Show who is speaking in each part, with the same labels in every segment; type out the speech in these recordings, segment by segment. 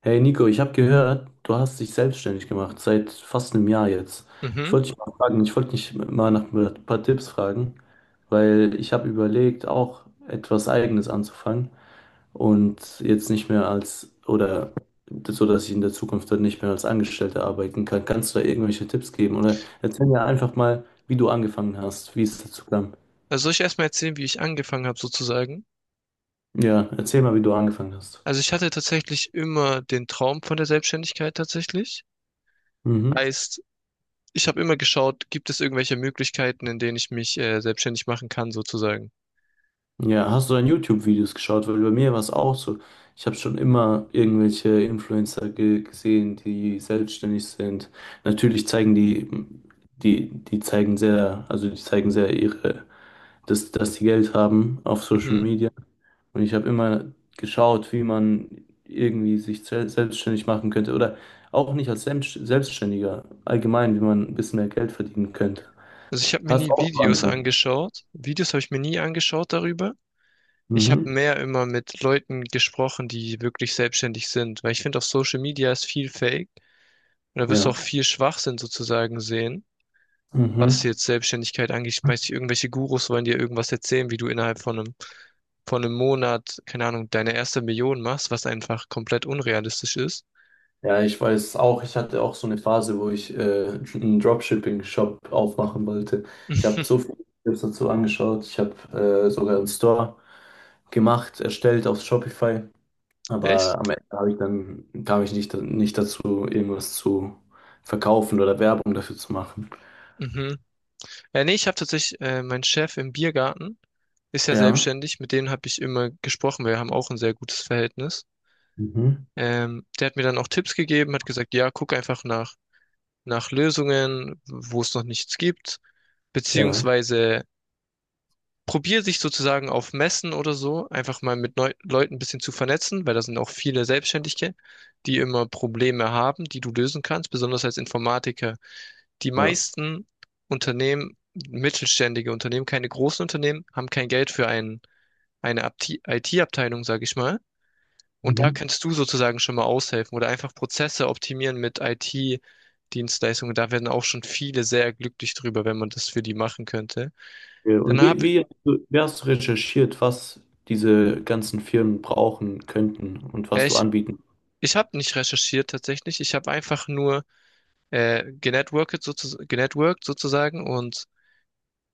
Speaker 1: Hey Nico, ich habe gehört, du hast dich selbstständig gemacht, seit fast einem Jahr jetzt.
Speaker 2: Mhm.
Speaker 1: Ich wollte dich mal nach ein paar Tipps fragen, weil ich habe überlegt, auch etwas Eigenes anzufangen und jetzt nicht mehr als, oder so, dass ich in der Zukunft dann nicht mehr als Angestellter arbeiten kann. Kannst du da irgendwelche Tipps geben? Oder erzähl mir einfach mal, wie du angefangen hast, wie es dazu kam.
Speaker 2: Also soll ich erstmal erzählen, wie ich angefangen habe sozusagen?
Speaker 1: Ja, erzähl mal, wie du angefangen hast.
Speaker 2: Also ich hatte tatsächlich immer den Traum von der Selbstständigkeit tatsächlich.
Speaker 1: Mhm.
Speaker 2: Heißt, ich habe immer geschaut, gibt es irgendwelche Möglichkeiten, in denen ich mich selbstständig machen kann sozusagen.
Speaker 1: Ja, hast du dann YouTube-Videos geschaut? Weil bei mir war es auch so. Ich habe schon immer irgendwelche Influencer ge gesehen, die selbstständig sind. Natürlich zeigen die, die, die zeigen sehr, also die zeigen sehr ihre, dass die Geld haben auf Social
Speaker 2: Mhm.
Speaker 1: Media. Und ich habe immer geschaut, wie man irgendwie sich selbstständig machen könnte. Oder auch nicht als Selbstständiger, allgemein, wie man ein bisschen mehr Geld verdienen könnte.
Speaker 2: Also ich habe mir
Speaker 1: Hast du
Speaker 2: nie
Speaker 1: auch
Speaker 2: Videos
Speaker 1: angefangen?
Speaker 2: angeschaut. Videos habe ich mir nie angeschaut darüber. Ich habe
Speaker 1: Mhm.
Speaker 2: mehr immer mit Leuten gesprochen, die wirklich selbstständig sind, weil ich finde, auf Social Media ist viel Fake und da wirst du auch
Speaker 1: Ja.
Speaker 2: viel Schwachsinn sozusagen sehen.
Speaker 1: Mhm.
Speaker 2: Was jetzt Selbstständigkeit angeht, schmeiß dich irgendwelche Gurus wollen dir irgendwas erzählen, wie du innerhalb von einem Monat, keine Ahnung, deine erste Million machst, was einfach komplett unrealistisch ist.
Speaker 1: Ja, ich weiß auch, ich hatte auch so eine Phase, wo ich einen Dropshipping-Shop aufmachen wollte. Ich habe so viele Videos dazu angeschaut. Ich habe sogar einen Store gemacht, erstellt auf Shopify.
Speaker 2: Echt?
Speaker 1: Aber am Ende habe ich dann, kam ich nicht dazu, irgendwas zu verkaufen oder Werbung dafür zu machen.
Speaker 2: Mhm. Nee, ich habe tatsächlich, mein Chef im Biergarten ist ja
Speaker 1: Ja.
Speaker 2: selbstständig, mit dem habe ich immer gesprochen, wir haben auch ein sehr gutes Verhältnis.
Speaker 1: Mhm.
Speaker 2: Der hat mir dann auch Tipps gegeben, hat gesagt, ja, guck einfach nach, nach Lösungen, wo es noch nichts gibt,
Speaker 1: Ja,
Speaker 2: beziehungsweise probier dich sozusagen auf Messen oder so einfach mal mit Neu Leuten ein bisschen zu vernetzen, weil da sind auch viele Selbstständige, die immer Probleme haben, die du lösen kannst, besonders als Informatiker. Die
Speaker 1: ja.
Speaker 2: meisten Unternehmen, mittelständige Unternehmen, keine großen Unternehmen, haben kein Geld für ein, eine IT-Abteilung, sage ich mal. Und da
Speaker 1: Mhm.
Speaker 2: kannst du sozusagen schon mal aushelfen oder einfach Prozesse optimieren mit IT-Dienstleistungen. Da werden auch schon viele sehr glücklich drüber, wenn man das für die machen könnte.
Speaker 1: Ja,
Speaker 2: Dann
Speaker 1: und
Speaker 2: habe
Speaker 1: wie hast du recherchiert, was diese ganzen Firmen brauchen könnten und was du
Speaker 2: ich
Speaker 1: anbieten?
Speaker 2: Ich habe nicht recherchiert tatsächlich. Ich habe einfach nur genetworked, sozu genetworked sozusagen und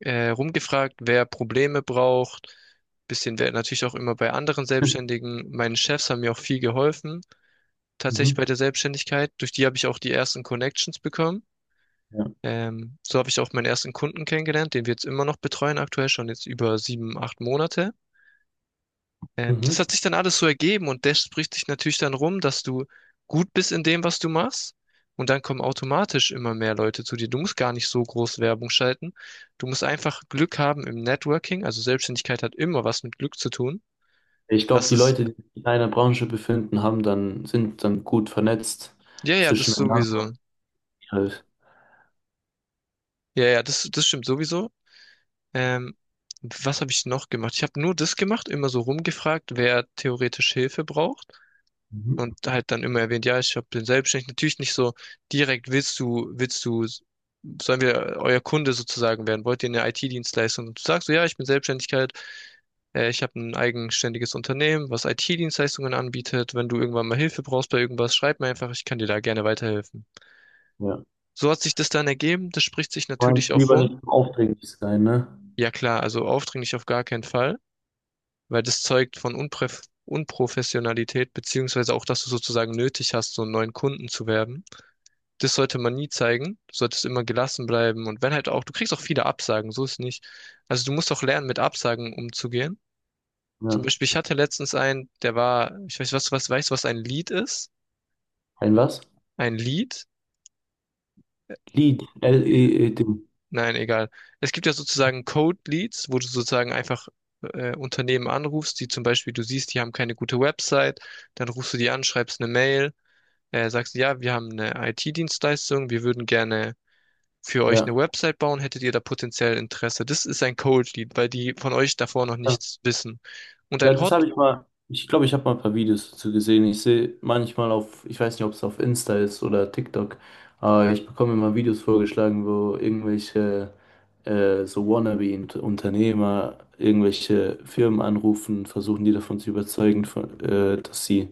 Speaker 2: rumgefragt, wer Probleme braucht. Bisschen wer natürlich auch immer bei anderen Selbstständigen. Meine Chefs haben mir auch viel geholfen, tatsächlich bei
Speaker 1: Mhm.
Speaker 2: der Selbstständigkeit. Durch die habe ich auch die ersten Connections bekommen.
Speaker 1: Ja.
Speaker 2: So habe ich auch meinen ersten Kunden kennengelernt, den wir jetzt immer noch betreuen, aktuell schon jetzt über 7, 8 Monate. Das hat
Speaker 1: Mhm.
Speaker 2: sich dann alles so ergeben und das spricht dich natürlich dann rum, dass du gut bist in dem, was du machst. Und dann kommen automatisch immer mehr Leute zu dir. Du musst gar nicht so groß Werbung schalten. Du musst einfach Glück haben im Networking. Also Selbstständigkeit hat immer was mit Glück zu tun.
Speaker 1: Ich glaube,
Speaker 2: Das
Speaker 1: die
Speaker 2: ist,
Speaker 1: Leute, die sich in einer Branche befinden, sind dann gut vernetzt
Speaker 2: ja, ja, das sowieso.
Speaker 1: zwischeneinander. Halt.
Speaker 2: Ja, ja, das stimmt sowieso. Ähm, Was habe ich noch gemacht? Ich habe nur das gemacht, immer so rumgefragt, wer theoretisch Hilfe braucht.
Speaker 1: Mhm.
Speaker 2: Und halt dann immer erwähnt, ja, ich hab, bin selbstständig. Natürlich nicht so direkt, willst du, sollen wir euer Kunde sozusagen werden? Wollt ihr eine IT-Dienstleistung? Und du sagst so, ja, ich bin Selbstständigkeit, ich habe ein eigenständiges Unternehmen, was IT-Dienstleistungen anbietet. Wenn du irgendwann mal Hilfe brauchst bei irgendwas, schreib mir einfach, ich kann dir da gerne weiterhelfen.
Speaker 1: Ja.
Speaker 2: So hat sich das dann ergeben. Das spricht sich
Speaker 1: Man
Speaker 2: natürlich auch
Speaker 1: lieber
Speaker 2: rum.
Speaker 1: nicht so aufdringlich sein, ne?
Speaker 2: Ja klar, also aufdringlich auf gar keinen Fall, weil das zeugt von Unpref Unprofessionalität, beziehungsweise auch, dass du sozusagen nötig hast, so einen neuen Kunden zu werben. Das sollte man nie zeigen. Du solltest immer gelassen bleiben. Und wenn halt auch, du kriegst auch viele Absagen, so ist nicht. Also du musst auch lernen, mit Absagen umzugehen. Zum
Speaker 1: Ja.
Speaker 2: Beispiel, ich hatte letztens einen, der war, ich weiß, was, weißt du, was ein Lead ist?
Speaker 1: Ein was?
Speaker 2: Ein Lead?
Speaker 1: Lied.
Speaker 2: Ja,
Speaker 1: LEED.
Speaker 2: nein, egal. Es gibt ja sozusagen Cold Leads, wo du sozusagen einfach Unternehmen anrufst, die zum Beispiel, du siehst, die haben keine gute Website, dann rufst du die an, schreibst eine Mail, sagst, ja, wir haben eine IT-Dienstleistung, wir würden gerne für euch eine
Speaker 1: Ja.
Speaker 2: Website bauen, hättet ihr da potenziell Interesse. Das ist ein Cold Lead, weil die von euch davor noch nichts wissen. Und
Speaker 1: Ja,
Speaker 2: ein
Speaker 1: das
Speaker 2: Hot,
Speaker 1: habe ich mal. Ich glaube, ich habe mal ein paar Videos dazu gesehen. Ich sehe manchmal auf, ich weiß nicht, ob es auf Insta ist oder TikTok, aber ich bekomme immer Videos vorgeschlagen, wo irgendwelche so Wannabe-Unternehmer irgendwelche Firmen anrufen, versuchen die davon zu überzeugen, dass sie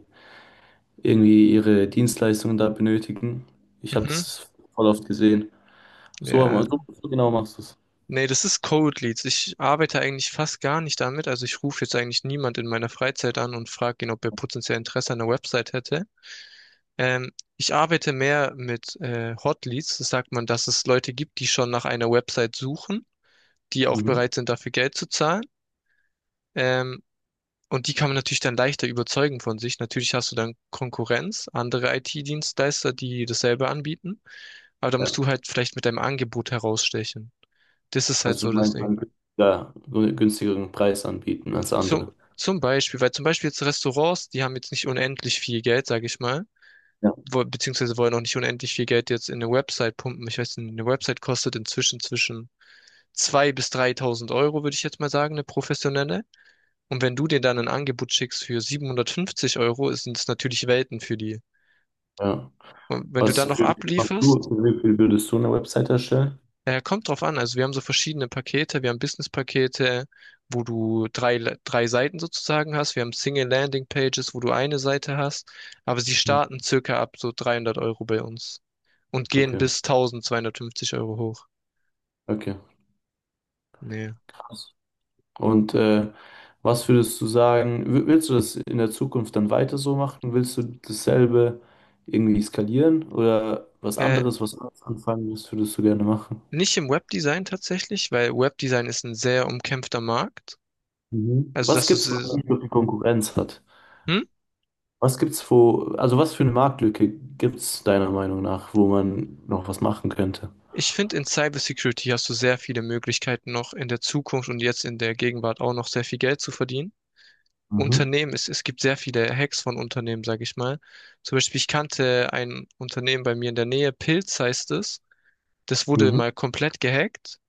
Speaker 1: irgendwie ihre Dienstleistungen da benötigen. Ich habe
Speaker 2: mhm,
Speaker 1: das voll oft gesehen. So, haben wir-
Speaker 2: ja,
Speaker 1: so, so genau machst du es.
Speaker 2: nee, das ist Cold Leads. Ich arbeite eigentlich fast gar nicht damit. Also ich rufe jetzt eigentlich niemand in meiner Freizeit an und frage ihn, ob er potenziell Interesse an einer Website hätte. Ähm, Ich arbeite mehr mit Hot Leads. Das sagt man, dass es Leute gibt, die schon nach einer Website suchen, die auch
Speaker 1: Mhm.
Speaker 2: bereit sind, dafür Geld zu zahlen. Ähm, Und die kann man natürlich dann leichter überzeugen von sich. Natürlich hast du dann Konkurrenz, andere IT-Dienstleister, die dasselbe anbieten. Aber da
Speaker 1: Ja.
Speaker 2: musst du halt vielleicht mit deinem Angebot herausstechen. Das ist halt
Speaker 1: Also,
Speaker 2: so
Speaker 1: du
Speaker 2: das
Speaker 1: meinst, man
Speaker 2: Ding.
Speaker 1: könnte da günstigeren Preis anbieten als
Speaker 2: Zum,
Speaker 1: andere.
Speaker 2: zum Beispiel, weil zum Beispiel jetzt Restaurants, die haben jetzt nicht unendlich viel Geld, sage ich mal, wo, beziehungsweise wollen auch nicht unendlich viel Geld jetzt in eine Website pumpen. Ich weiß nicht, eine Website kostet inzwischen zwischen 2.000 bis 3.000 Euro, würde ich jetzt mal sagen, eine professionelle. Und wenn du dir dann ein Angebot schickst für 750 Euro, sind es natürlich Welten für die.
Speaker 1: Ja.
Speaker 2: Und wenn du
Speaker 1: Was
Speaker 2: dann noch
Speaker 1: für wie viel machst
Speaker 2: ablieferst,
Speaker 1: du, für wie viel würdest du eine Website erstellen?
Speaker 2: kommt drauf an. Also wir haben so verschiedene Pakete. Wir haben Business-Pakete, wo du drei Seiten sozusagen hast. Wir haben Single-Landing-Pages, wo du eine Seite hast. Aber sie
Speaker 1: Hm.
Speaker 2: starten circa ab so 300 € bei uns und gehen
Speaker 1: Okay,
Speaker 2: bis 1.250 € hoch.
Speaker 1: okay.
Speaker 2: Nee.
Speaker 1: Krass. Und was würdest du sagen, willst du das in der Zukunft dann weiter so machen? Willst du dasselbe irgendwie skalieren oder was
Speaker 2: Äh,
Speaker 1: anderes, was anderes anfangen, was würdest du gerne machen?
Speaker 2: Nicht im Webdesign tatsächlich, weil Webdesign ist ein sehr umkämpfter Markt.
Speaker 1: Mhm.
Speaker 2: Also
Speaker 1: Was
Speaker 2: dass du,
Speaker 1: gibt's, was nicht so viel Konkurrenz hat?
Speaker 2: hm?
Speaker 1: Was gibt's, also was für eine Marktlücke gibt's deiner Meinung nach, wo man noch was machen könnte?
Speaker 2: Ich finde, in Cybersecurity hast du sehr viele Möglichkeiten noch in der Zukunft und jetzt in der Gegenwart auch noch sehr viel Geld zu verdienen.
Speaker 1: Mhm.
Speaker 2: Unternehmen, es gibt sehr viele Hacks von Unternehmen, sage ich mal. Zum Beispiel, ich kannte ein Unternehmen bei mir in der Nähe, Pilz heißt es. Das wurde
Speaker 1: Mhm.
Speaker 2: mal komplett gehackt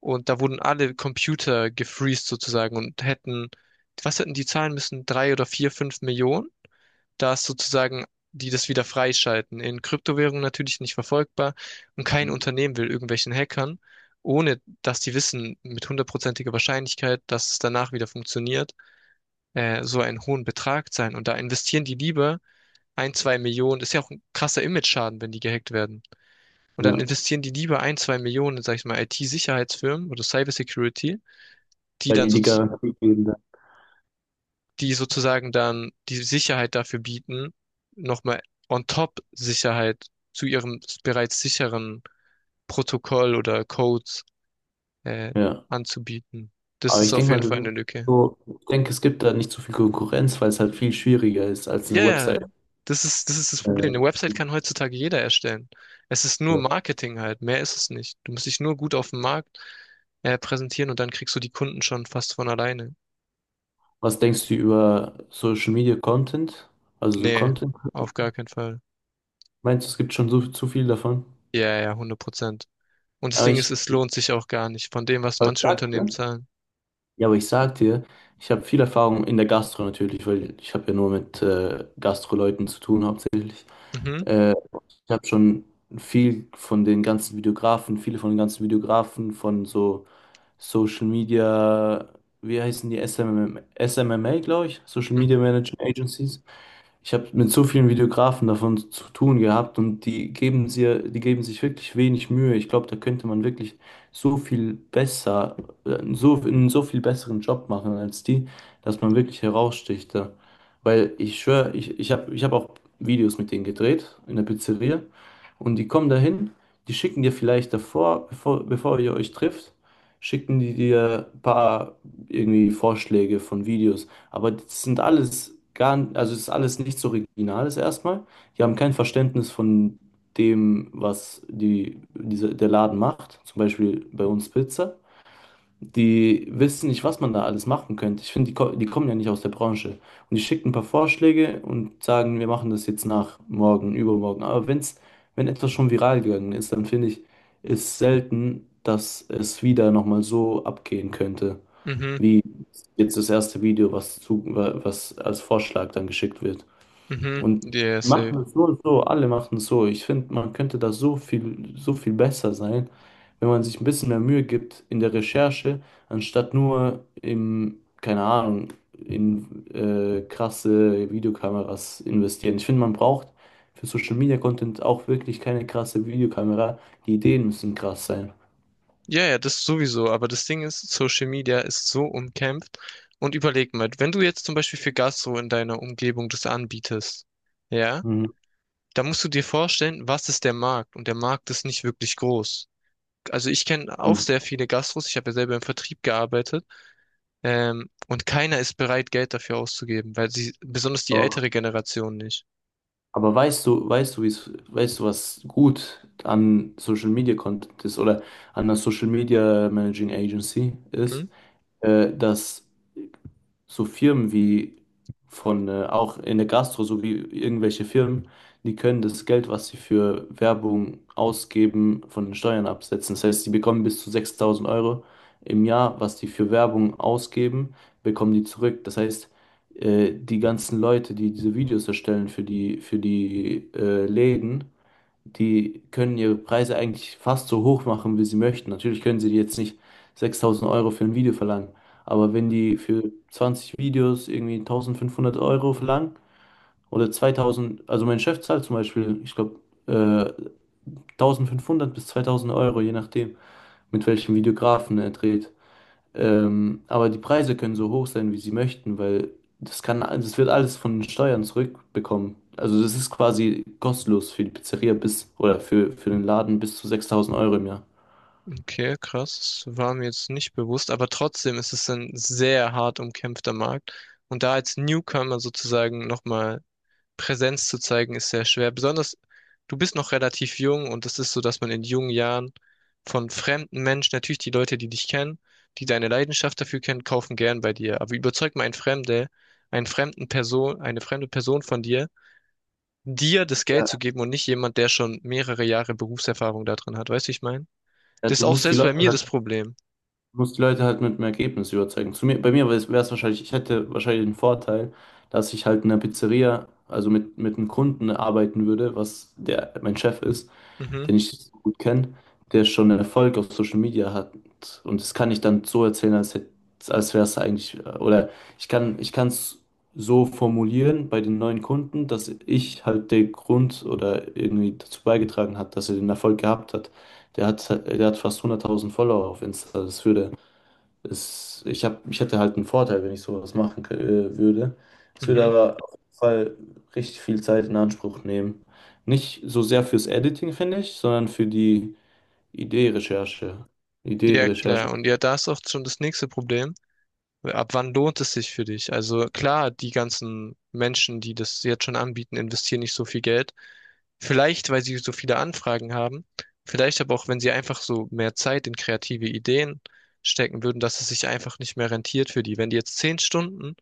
Speaker 2: und da wurden alle Computer gefreezed sozusagen und hätten, was hätten die zahlen müssen? Drei oder vier, fünf Millionen, dass sozusagen die das wieder freischalten. In Kryptowährungen natürlich nicht verfolgbar und kein Unternehmen will irgendwelchen Hackern, ohne dass die wissen mit hundertprozentiger Wahrscheinlichkeit, dass es danach wieder funktioniert so einen hohen Betrag sein. Und da investieren die lieber ein, zwei Millionen. Ist ja auch ein krasser Image-Schaden, wenn die gehackt werden. Und dann
Speaker 1: Ja,
Speaker 2: investieren die lieber ein, zwei Millionen, in, sag ich mal, IT-Sicherheitsfirmen oder Cybersecurity, die
Speaker 1: weil
Speaker 2: dann
Speaker 1: die
Speaker 2: so,
Speaker 1: die Garantie geben dann.
Speaker 2: die sozusagen dann die Sicherheit dafür bieten, nochmal on top Sicherheit zu ihrem bereits sicheren Protokoll oder Codes äh,
Speaker 1: Ja.
Speaker 2: anzubieten. Das
Speaker 1: Aber
Speaker 2: ist
Speaker 1: ich
Speaker 2: auf
Speaker 1: denke mal,
Speaker 2: jeden Fall
Speaker 1: das
Speaker 2: eine
Speaker 1: ist
Speaker 2: Lücke.
Speaker 1: so, ich denke, es gibt da nicht so viel Konkurrenz, weil es halt viel schwieriger ist als
Speaker 2: Ja,
Speaker 1: eine
Speaker 2: ja,
Speaker 1: Website.
Speaker 2: das ist das
Speaker 1: Äh,
Speaker 2: Problem. Eine Website kann heutzutage jeder erstellen. Es ist nur
Speaker 1: ja.
Speaker 2: Marketing halt, mehr ist es nicht. Du musst dich nur gut auf dem Markt präsentieren und dann kriegst du die Kunden schon fast von alleine.
Speaker 1: Was denkst du über Social Media Content? Also so
Speaker 2: Nee,
Speaker 1: Content?
Speaker 2: auf gar keinen Fall.
Speaker 1: Meinst du, es gibt schon so, zu viel davon?
Speaker 2: Ja, ja, 100%. Und das
Speaker 1: Aber
Speaker 2: Ding ist,
Speaker 1: ich,
Speaker 2: es lohnt sich auch gar nicht von dem, was
Speaker 1: aber ich
Speaker 2: manche
Speaker 1: sag
Speaker 2: Unternehmen
Speaker 1: dir,
Speaker 2: zahlen.
Speaker 1: ja, aber ich sag dir, ich habe viel Erfahrung in der Gastro natürlich, weil ich habe ja nur mit Gastro-Leuten zu tun hauptsächlich.
Speaker 2: Mhm,
Speaker 1: Äh, Ich habe schon viele von den ganzen Videografen, von so Social Media, wie heißen die? SMM, SMMA, glaube ich. Social
Speaker 2: mhm,
Speaker 1: Media Management Agencies. Ich habe mit so vielen Videografen davon zu tun gehabt und die geben sich wirklich wenig Mühe. Ich glaube, da könnte man wirklich so viel besser, so einen so viel besseren Job machen als die, dass man wirklich heraussticht da. Weil ich schwöre, ich hab auch Videos mit denen gedreht in der Pizzeria und die kommen dahin, die schicken dir vielleicht davor, bevor ihr euch trifft, schicken die dir ein paar irgendwie Vorschläge von Videos. Aber das sind alles gar, also es ist alles nichts Originales erstmal. Die haben kein Verständnis von dem, was der Laden macht. Zum Beispiel bei uns Pizza. Die wissen nicht, was man da alles machen könnte. Ich finde, die kommen ja nicht aus der Branche. Und die schicken ein paar Vorschläge und sagen, wir machen das jetzt nach morgen, übermorgen. Aber wenn etwas schon viral gegangen ist, dann finde ich, ist selten, dass es wieder nochmal so abgehen könnte
Speaker 2: mhm,
Speaker 1: wie jetzt das erste Video, was als Vorschlag dann geschickt wird.
Speaker 2: mhm.
Speaker 1: Und
Speaker 2: Yes.
Speaker 1: machen es so und so, alle machen es so. Ich finde, man könnte da so viel besser sein, wenn man sich ein bisschen mehr Mühe gibt in der Recherche, anstatt nur keine Ahnung, in krasse Videokameras investieren. Ich finde, man braucht für Social Media Content auch wirklich keine krasse Videokamera. Die Ideen müssen krass sein.
Speaker 2: Ja, ja, das sowieso. Aber das Ding ist, Social Media ist so umkämpft. Und überleg mal, wenn du jetzt zum Beispiel für Gastro in deiner Umgebung das anbietest, ja,
Speaker 1: Mhm.
Speaker 2: da musst du dir vorstellen, was ist der Markt? Und der Markt ist nicht wirklich groß. Also ich kenne auch sehr viele Gastros. Ich habe ja selber im Vertrieb gearbeitet. Und keiner ist bereit, Geld dafür auszugeben, weil sie, besonders die ältere Generation nicht.
Speaker 1: Aber weißt du, wie's, weißt du, was gut an Social Media Content ist oder an einer Social Media Managing Agency ist, dass so Firmen auch in der Gastro, so wie irgendwelche Firmen, die können das Geld, was sie für Werbung ausgeben, von den Steuern absetzen. Das heißt, sie bekommen bis zu 6.000 Euro im Jahr, was die für Werbung ausgeben, bekommen die zurück. Das heißt, die ganzen Leute, die diese Videos erstellen für die, für die Läden, die können ihre Preise eigentlich fast so hoch machen, wie sie möchten. Natürlich können sie jetzt nicht 6.000 Euro für ein Video verlangen, aber wenn die für 20 Videos irgendwie 1.500 Euro verlangen oder 2000, also mein Chef zahlt zum Beispiel, ich glaube, äh, 1.500 bis 2.000 Euro, je nachdem, mit welchem Videografen er dreht. Aber die Preise können so hoch sein, wie sie möchten, weil das wird alles von den Steuern zurückbekommen. Also das ist quasi kostenlos für die Pizzeria bis oder für den Laden bis zu 6.000 Euro im Jahr.
Speaker 2: Okay, krass. War mir jetzt nicht bewusst, aber trotzdem ist es ein sehr hart umkämpfter Markt. Und da als Newcomer sozusagen nochmal Präsenz zu zeigen, ist sehr schwer. Besonders, du bist noch relativ jung und es ist so, dass man in jungen Jahren von fremden Menschen, natürlich die Leute, die dich kennen, die deine Leidenschaft dafür kennen, kaufen gern bei dir. Aber überzeug mal einen Fremde, einen fremden Person, eine fremde Person von dir, dir das Geld zu
Speaker 1: Ja,
Speaker 2: geben und nicht jemand, der schon mehrere Jahre Berufserfahrung da drin hat. Weißt du, wie ich meine?
Speaker 1: ja,
Speaker 2: Das ist auch selbst bei mir das Problem.
Speaker 1: Du musst die Leute halt mit dem Ergebnis überzeugen. Bei mir wäre es wahrscheinlich, ich hätte wahrscheinlich den Vorteil, dass ich halt in einer Pizzeria, also mit einem Kunden arbeiten würde, was der mein Chef ist,
Speaker 2: Mhm,
Speaker 1: den ich so gut kenne, der schon einen Erfolg auf Social Media hat. Und das kann ich dann so erzählen, als wäre es eigentlich, oder ich kann es so formulieren bei den neuen Kunden, dass ich halt der Grund oder irgendwie dazu beigetragen hat, dass er den Erfolg gehabt hat. Der hat fast 100.000 Follower auf Insta. Das würde es, ich hab, ich hätte halt einen Vorteil, wenn ich sowas machen würde. Es würde
Speaker 2: mhm.
Speaker 1: aber auf jeden Fall richtig viel Zeit in Anspruch nehmen. Nicht so sehr fürs Editing, finde ich, sondern für die Ideenrecherche.
Speaker 2: Ja,
Speaker 1: Ideenrecherche.
Speaker 2: klar. Und ja, da ist auch schon das nächste Problem. Ab wann lohnt es sich für dich? Also klar, die ganzen Menschen, die das jetzt schon anbieten, investieren nicht so viel Geld. Vielleicht, weil sie so viele Anfragen haben. Vielleicht aber auch, wenn sie einfach so mehr Zeit in kreative Ideen stecken würden, dass es sich einfach nicht mehr rentiert für die. Wenn die jetzt 10 Stunden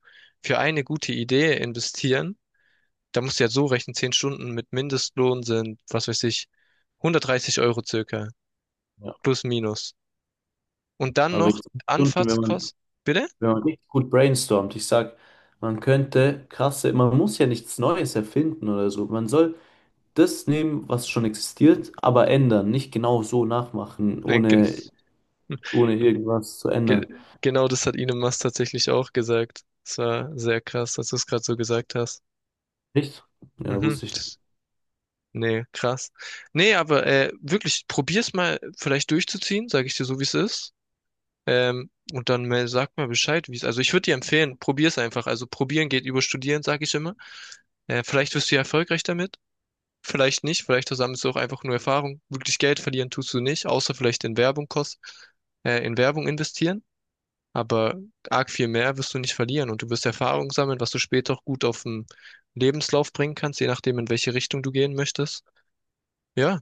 Speaker 2: für eine gute Idee investieren, da musst du ja so rechnen, 10 Stunden mit Mindestlohn sind, was weiß ich, 130 € circa,
Speaker 1: Ja.
Speaker 2: plus minus. Und dann
Speaker 1: Aber
Speaker 2: noch
Speaker 1: jetzt Stunden, wenn man,
Speaker 2: Anfahrtskosten. Bitte?
Speaker 1: wenn man richtig gut brainstormt, ich sag, man muss ja nichts Neues erfinden oder so. Man soll das nehmen, was schon existiert, aber ändern, nicht genau so nachmachen,
Speaker 2: Nee.
Speaker 1: ohne, ohne irgendwas zu
Speaker 2: ge
Speaker 1: ändern.
Speaker 2: genau das hat Ine Mast tatsächlich auch gesagt. Das war sehr krass, dass du es gerade so gesagt hast.
Speaker 1: Echt? Ja,
Speaker 2: Mhm.
Speaker 1: wusste ich
Speaker 2: Nee, krass. Nee, aber wirklich, probier's mal vielleicht durchzuziehen, sage ich dir so, wie es ist. Und dann mal, sag mal Bescheid, wie es. Also ich würde dir empfehlen, probier's einfach. Also probieren geht über studieren, sage ich immer. Vielleicht wirst du ja erfolgreich damit. Vielleicht nicht, vielleicht versammelst du auch einfach nur Erfahrung. Wirklich Geld verlieren tust du nicht, außer vielleicht in Werbung investieren. Aber arg viel mehr wirst du nicht verlieren und du wirst Erfahrung sammeln, was du später auch gut auf den Lebenslauf bringen kannst, je nachdem, in welche Richtung du gehen möchtest. Ja,